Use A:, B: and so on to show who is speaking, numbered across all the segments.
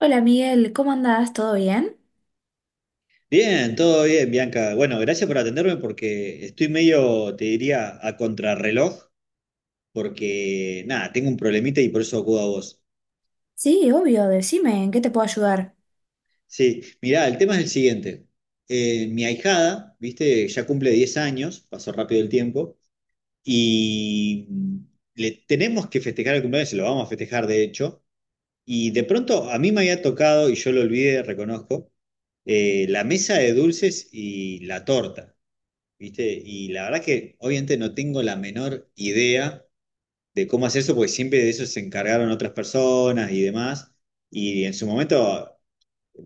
A: Hola Miguel, ¿cómo andás? ¿Todo bien?
B: Bien, todo bien, Bianca. Bueno, gracias por atenderme porque estoy medio, te diría, a contrarreloj, porque nada, tengo un problemita y por eso acudo a vos.
A: Sí, obvio, decime, ¿en qué te puedo ayudar?
B: Sí, mirá, el tema es el siguiente. Mi ahijada, viste, ya cumple 10 años, pasó rápido el tiempo, y le tenemos que festejar el cumpleaños, se lo vamos a festejar de hecho, y de pronto a mí me había tocado, y yo lo olvidé, reconozco, la mesa de dulces y la torta. ¿Viste? Y la verdad que obviamente no tengo la menor idea de cómo hacer eso, porque siempre de eso se encargaron otras personas y demás. Y en su momento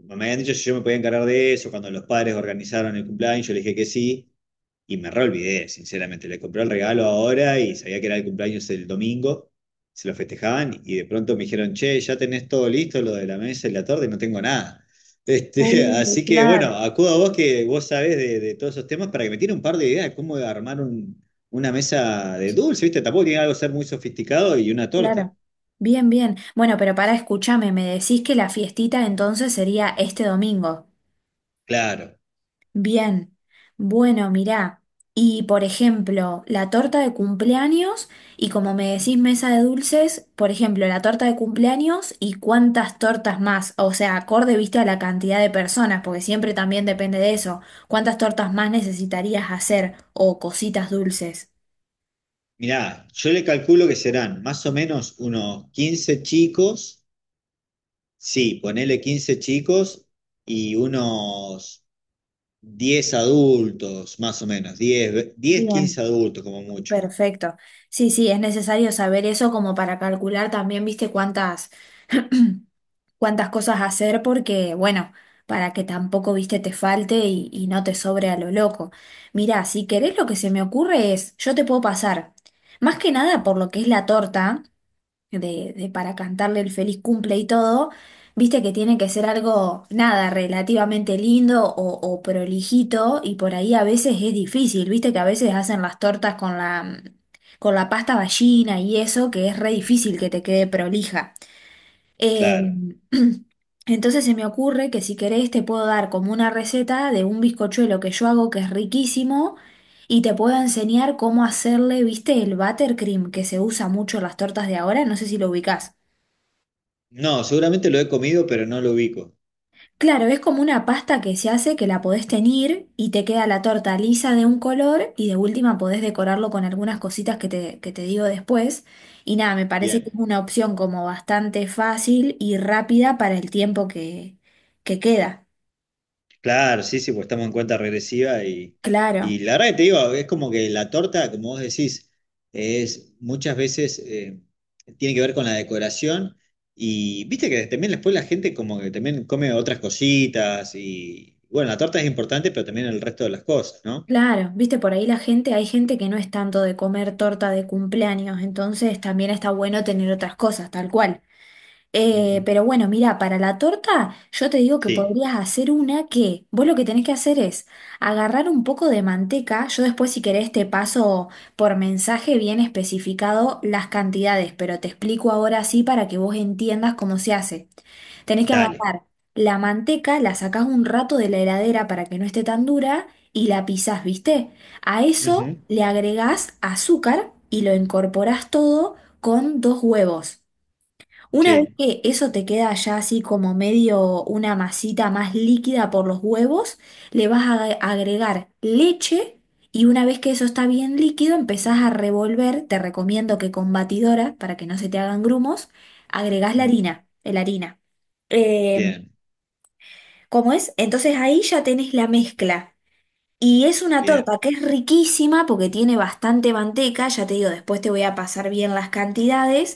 B: me habían dicho si yo me podía encargar de eso, cuando los padres organizaron el cumpleaños, yo le dije que sí. Y me re olvidé, sinceramente. Le compré el regalo ahora y sabía que era el cumpleaños el domingo. Se lo festejaban y de pronto me dijeron, che, ya tenés todo listo, lo de la mesa y la torta, y no tengo nada.
A: Uy,
B: Así que bueno,
A: claro.
B: acudo a vos que vos sabés de todos esos temas para que me tire un par de ideas de cómo armar una mesa de dulce, ¿viste? Tampoco tiene algo que ser muy sofisticado y una torta.
A: Claro. Bien, bien. Bueno, pero para escúchame, me decís que la fiestita entonces sería este domingo.
B: Claro.
A: Bien, bueno, mirá, y por ejemplo, la torta de cumpleaños, y como me decís mesa de dulces, por ejemplo, la torta de cumpleaños y cuántas tortas más, o sea, acorde, viste, a la cantidad de personas, porque siempre también depende de eso, cuántas tortas más necesitarías hacer o cositas dulces.
B: Mirá, yo le calculo que serán más o menos unos 15 chicos. Sí, ponele 15 chicos y unos 10 adultos, más o menos, 10, 15
A: Bien,
B: adultos como mucho,
A: perfecto. Sí, sí, es necesario saber eso como para calcular también, viste, cuántas cosas hacer porque, bueno, para que tampoco, viste, te falte y no te sobre a lo loco. Mirá, si querés lo que se me ocurre es, yo te puedo pasar, más que nada por lo que es la torta, de para cantarle el feliz cumple y todo, viste que tiene que ser algo, nada, relativamente lindo o prolijito y por ahí a veces es difícil, viste que a veces hacen las tortas con la con la pasta ballina y eso, que es re difícil que te quede prolija. Eh,
B: claro.
A: entonces se me ocurre que si querés te puedo dar como una receta de un bizcochuelo que yo hago que es riquísimo y te puedo enseñar cómo hacerle, viste, el buttercream que se usa mucho en las tortas de ahora, no sé si lo ubicás.
B: No, seguramente lo he comido, pero no lo ubico.
A: Claro, es como una pasta que se hace que la podés teñir y te queda la torta lisa de un color y de última podés decorarlo con algunas cositas que te digo después. Y nada, me parece que es
B: Bien,
A: una opción como bastante fácil y rápida para el tiempo que queda.
B: claro, sí, sí, pues estamos en cuenta regresiva
A: Claro,
B: y la verdad que te digo, es como que la torta, como vos decís, es muchas veces tiene que ver con la decoración y viste que también después la gente como que también come otras cositas y bueno, la torta es importante, pero también el resto de las cosas, ¿no?
A: claro. Viste, por ahí la gente, hay gente que no es tanto de comer torta de cumpleaños, entonces también está bueno tener otras cosas, tal cual.
B: Ujú.
A: Pero bueno, mira, para la torta yo te digo que
B: Sí,
A: podrías hacer una que vos lo que tenés que hacer es agarrar un poco de manteca, yo después si querés te paso por mensaje bien especificado las cantidades, pero te explico ahora sí para que vos entiendas cómo se hace. Tenés que
B: dale.
A: agarrar la manteca, la sacás un rato de la heladera para que no esté tan dura y la pisás, ¿viste? A eso
B: Ujú.
A: le agregás azúcar y lo incorporás todo con dos huevos. Una vez
B: Sí.
A: que eso te queda ya así como medio una masita más líquida por los huevos, le vas a agregar leche y una vez que eso está bien líquido empezás a revolver, te recomiendo que con batidora para que no se te hagan grumos, agregás la
B: Mm,
A: harina, la harina. Eh,
B: bien,
A: ¿Cómo es? Entonces ahí ya tenés la mezcla. Y es una torta
B: bien.
A: que es riquísima porque tiene bastante manteca, ya te digo, después te voy a pasar bien las cantidades.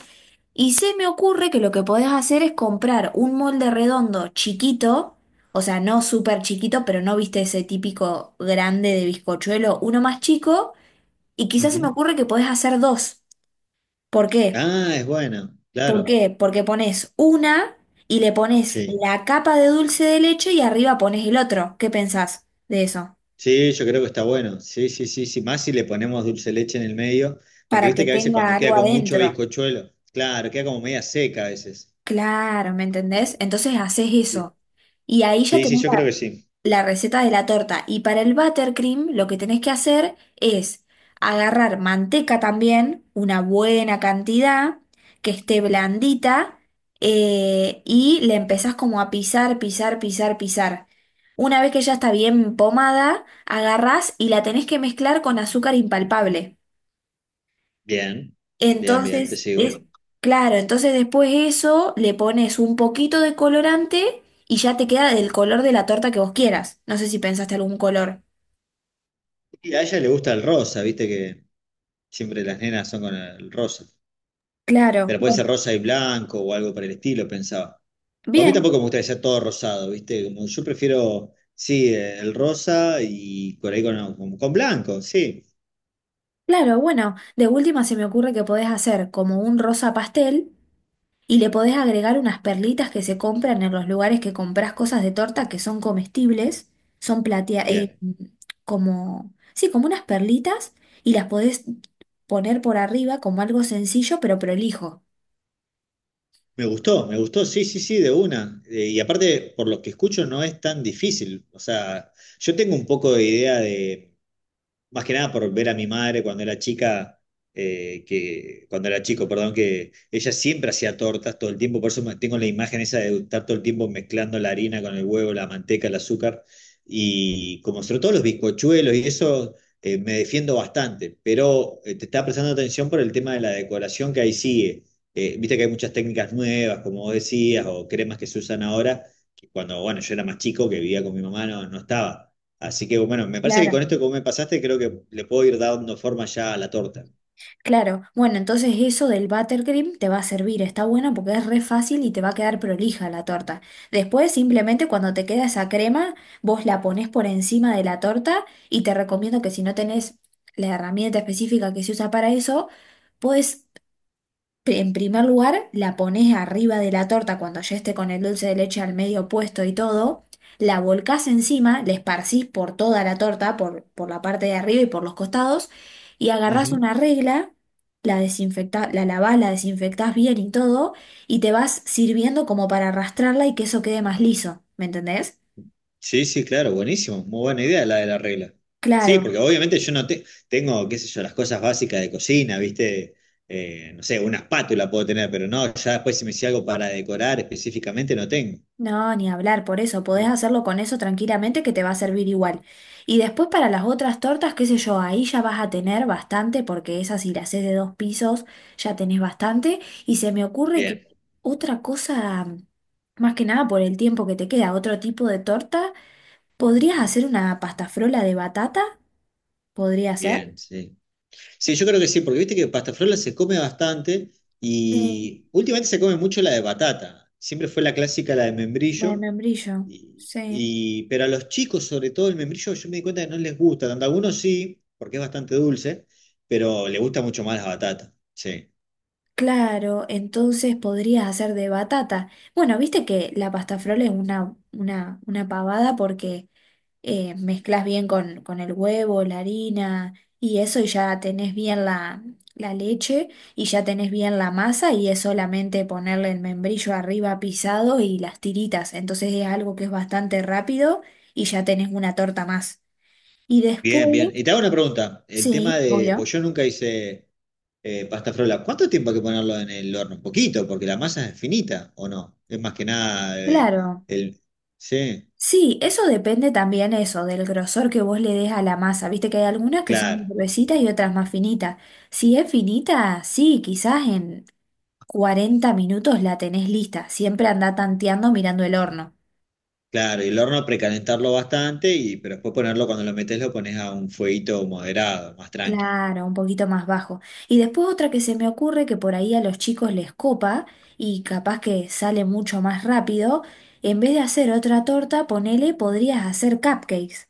A: Y se me ocurre que lo que podés hacer es comprar un molde redondo chiquito, o sea, no súper chiquito, pero no viste ese típico grande de bizcochuelo, uno más chico. Y quizás se me
B: Ujú.
A: ocurre que podés hacer dos. ¿Por qué?
B: Ah, es bueno,
A: ¿Por
B: claro.
A: qué? Porque pones una y le pones
B: Sí.
A: la capa de dulce de leche y arriba pones el otro. ¿Qué pensás de eso?
B: Sí, yo creo que está bueno. Sí, sí, sí, sí. Más si le ponemos dulce de leche en el medio, porque
A: Para que
B: viste que a veces
A: tenga
B: cuando
A: algo
B: queda con mucho
A: adentro.
B: bizcochuelo, claro, queda como media seca a veces.
A: Claro, ¿me entendés? Entonces haces
B: Sí,
A: eso. Y ahí ya
B: sí, sí,
A: tenés
B: yo creo que sí.
A: la receta de la torta. Y para el buttercream lo que tenés que hacer es agarrar manteca también, una buena cantidad, que esté blandita, y le empezás como a pisar, pisar, pisar, pisar. Una vez que ya está bien pomada, agarrás y la tenés que mezclar con azúcar impalpable.
B: Bien, bien, bien, te
A: Entonces,
B: sigo.
A: es claro, entonces después eso le pones un poquito de colorante y ya te queda del color de la torta que vos quieras. No sé si pensaste algún color.
B: Y a ella le gusta el rosa, viste que siempre las nenas son con el rosa.
A: Claro,
B: Pero puede
A: bueno,
B: ser rosa y blanco o algo por el estilo, pensaba. O a mí
A: bien,
B: tampoco me gusta que sea todo rosado, ¿viste? Como yo prefiero, sí, el rosa y por ahí con blanco, sí.
A: claro, bueno, de última se me ocurre que podés hacer como un rosa pastel y le podés agregar unas perlitas que se compran en los lugares que compras cosas de torta que son comestibles, son platea,
B: Bien.
A: como, sí, como unas perlitas y las podés poner por arriba como algo sencillo pero prolijo.
B: Me gustó, sí, sí, sí, de una. Y aparte, por lo que escucho, no es tan difícil. O sea, yo tengo un poco de idea de más que nada por ver a mi madre cuando era chica, que, cuando era chico, perdón, que ella siempre hacía tortas todo el tiempo, por eso tengo la imagen esa de estar todo el tiempo mezclando la harina con el huevo, la manteca, el azúcar, y como sobre todo los bizcochuelos y eso, me defiendo bastante, pero te estaba prestando atención por el tema de la decoración que ahí sigue. Viste que hay muchas técnicas nuevas, como vos decías, o cremas que se usan ahora, que cuando, bueno, yo era más chico, que vivía con mi mamá, no, no estaba. Así que bueno, me parece que con
A: Claro,
B: esto que vos me pasaste, creo que le puedo ir dando forma ya a la torta.
A: claro. Bueno, entonces eso del buttercream te va a servir, está bueno porque es re fácil y te va a quedar prolija la torta. Después simplemente cuando te queda esa crema, vos la ponés por encima de la torta y te recomiendo que si no tenés la herramienta específica que se usa para eso, podés. En primer lugar, la pones arriba de la torta cuando ya esté con el dulce de leche al medio puesto y todo. La volcás encima, la esparcís por toda la torta, por la parte de arriba y por los costados. Y agarrás
B: Ujú.
A: una regla, la desinfectás, la lavás, la desinfectás bien y todo. Y te vas sirviendo como para arrastrarla y que eso quede más liso. ¿Me entendés?
B: Sí, sí, claro, buenísimo. Muy buena idea la de la regla. Sí,
A: Claro.
B: porque obviamente yo no tengo, qué sé yo, las cosas básicas de cocina, ¿viste? No sé, una espátula puedo tener, pero no, ya después si me hice algo para decorar específicamente no tengo.
A: No, ni hablar, por eso podés hacerlo con eso tranquilamente que te va a servir igual. Y después para las otras tortas, qué sé yo, ahí ya vas a tener bastante, porque esas si las haces de dos pisos ya tenés bastante. Y se me ocurre que
B: Bien,
A: otra cosa, más que nada por el tiempo que te queda, otro tipo de torta, ¿podrías hacer una pastafrola de batata? ¿Podría ser?
B: bien, sí. Sí, yo creo que sí, porque viste que pastafrola se come bastante
A: Sí,
B: y últimamente se come mucho la de batata. Siempre fue la clásica, la de
A: la de
B: membrillo.
A: membrillo, sí.
B: Pero a los chicos, sobre todo el membrillo, yo me di cuenta que no les gusta tanto. A algunos sí, porque es bastante dulce, pero le gusta mucho más la batata. Sí.
A: Claro, entonces podrías hacer de batata. Bueno, viste que la pasta frola es una pavada porque mezclas bien con el huevo, la harina y eso, y ya tenés bien la, la leche y ya tenés bien la masa, y es solamente ponerle el membrillo arriba pisado y las tiritas. Entonces es algo que es bastante rápido y ya tenés una torta más. Y después,
B: Bien, bien. Y te hago una pregunta. El tema
A: sí,
B: de,
A: obvio,
B: pues yo nunca hice pasta frola. ¿Cuánto tiempo hay que ponerlo en el horno? Un poquito, porque la masa es finita, ¿o no? Es más que nada
A: claro.
B: el... Sí,
A: Sí, eso depende también eso, del grosor que vos le des a la masa. Viste que hay algunas que son más
B: claro,
A: gruesitas y otras más finitas. Si es finita, sí, quizás en 40 minutos la tenés lista. Siempre anda tanteando mirando el horno.
B: claro. Y el horno precalentarlo bastante, y, pero después ponerlo, cuando lo metes, lo pones a un fueguito moderado, más tranqui.
A: Claro, un poquito más bajo. Y después otra que se me ocurre que por ahí a los chicos les copa y capaz que sale mucho más rápido. En vez de hacer otra torta, ponele, podrías hacer cupcakes.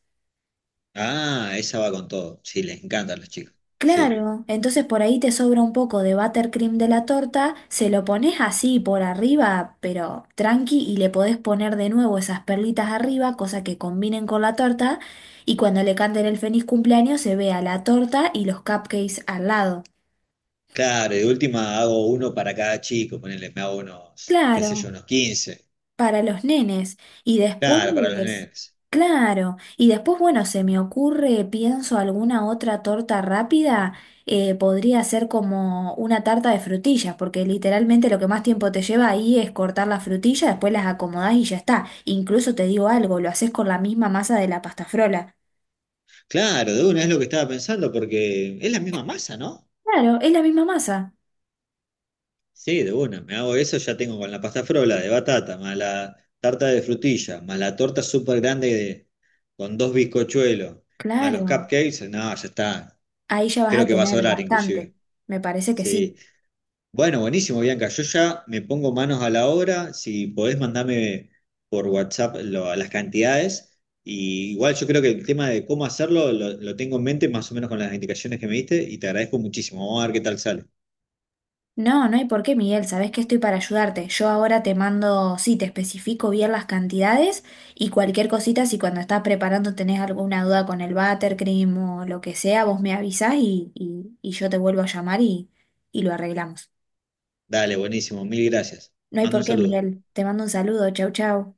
B: Ah, esa va con todo. Sí, les encantan los chicos. Sí.
A: Claro, entonces por ahí te sobra un poco de buttercream de la torta, se lo pones así por arriba, pero tranqui, y le podés poner de nuevo esas perlitas arriba, cosa que combinen con la torta, y cuando le canten el feliz cumpleaños se vea la torta y los cupcakes al lado.
B: Claro, y de última hago uno para cada chico, ponele, me hago unos, qué sé yo,
A: Claro,
B: unos 15.
A: para los nenes. Y después,
B: Claro, para los nenes.
A: claro, y después, bueno, se me ocurre, pienso alguna otra torta rápida, podría ser como una tarta de frutillas, porque literalmente lo que más tiempo te lleva ahí es cortar las frutillas, después las acomodás y ya está. Incluso te digo algo, lo haces con la misma masa de la pasta frola.
B: Claro, de una es lo que estaba pensando, porque es la misma masa, ¿no?
A: Claro, es la misma masa.
B: Sí, de una, me hago eso, ya tengo con la pasta frola de batata, más la tarta de frutilla, más la torta súper grande de... con dos bizcochuelos, más los
A: Claro,
B: cupcakes, no, ya está.
A: ahí ya vas a
B: Creo que va a
A: tener
B: sobrar inclusive.
A: bastante. Me parece que sí.
B: Sí. Bueno, buenísimo, Bianca. Yo ya me pongo manos a la obra. Si podés, mandame por WhatsApp las cantidades. Y igual yo creo que el tema de cómo hacerlo lo tengo en mente más o menos con las indicaciones que me diste y te agradezco muchísimo. Vamos a ver qué tal sale.
A: No, no hay por qué, Miguel. Sabés que estoy para ayudarte. Yo ahora te mando, sí, te especifico bien las cantidades y cualquier cosita, si cuando estás preparando tenés alguna duda con el buttercream o lo que sea, vos me avisás y yo te vuelvo a llamar y lo arreglamos.
B: Dale, buenísimo. Mil gracias.
A: No
B: Te
A: hay
B: mando
A: por
B: un
A: qué,
B: saludo.
A: Miguel. Te mando un saludo. Chau, chau.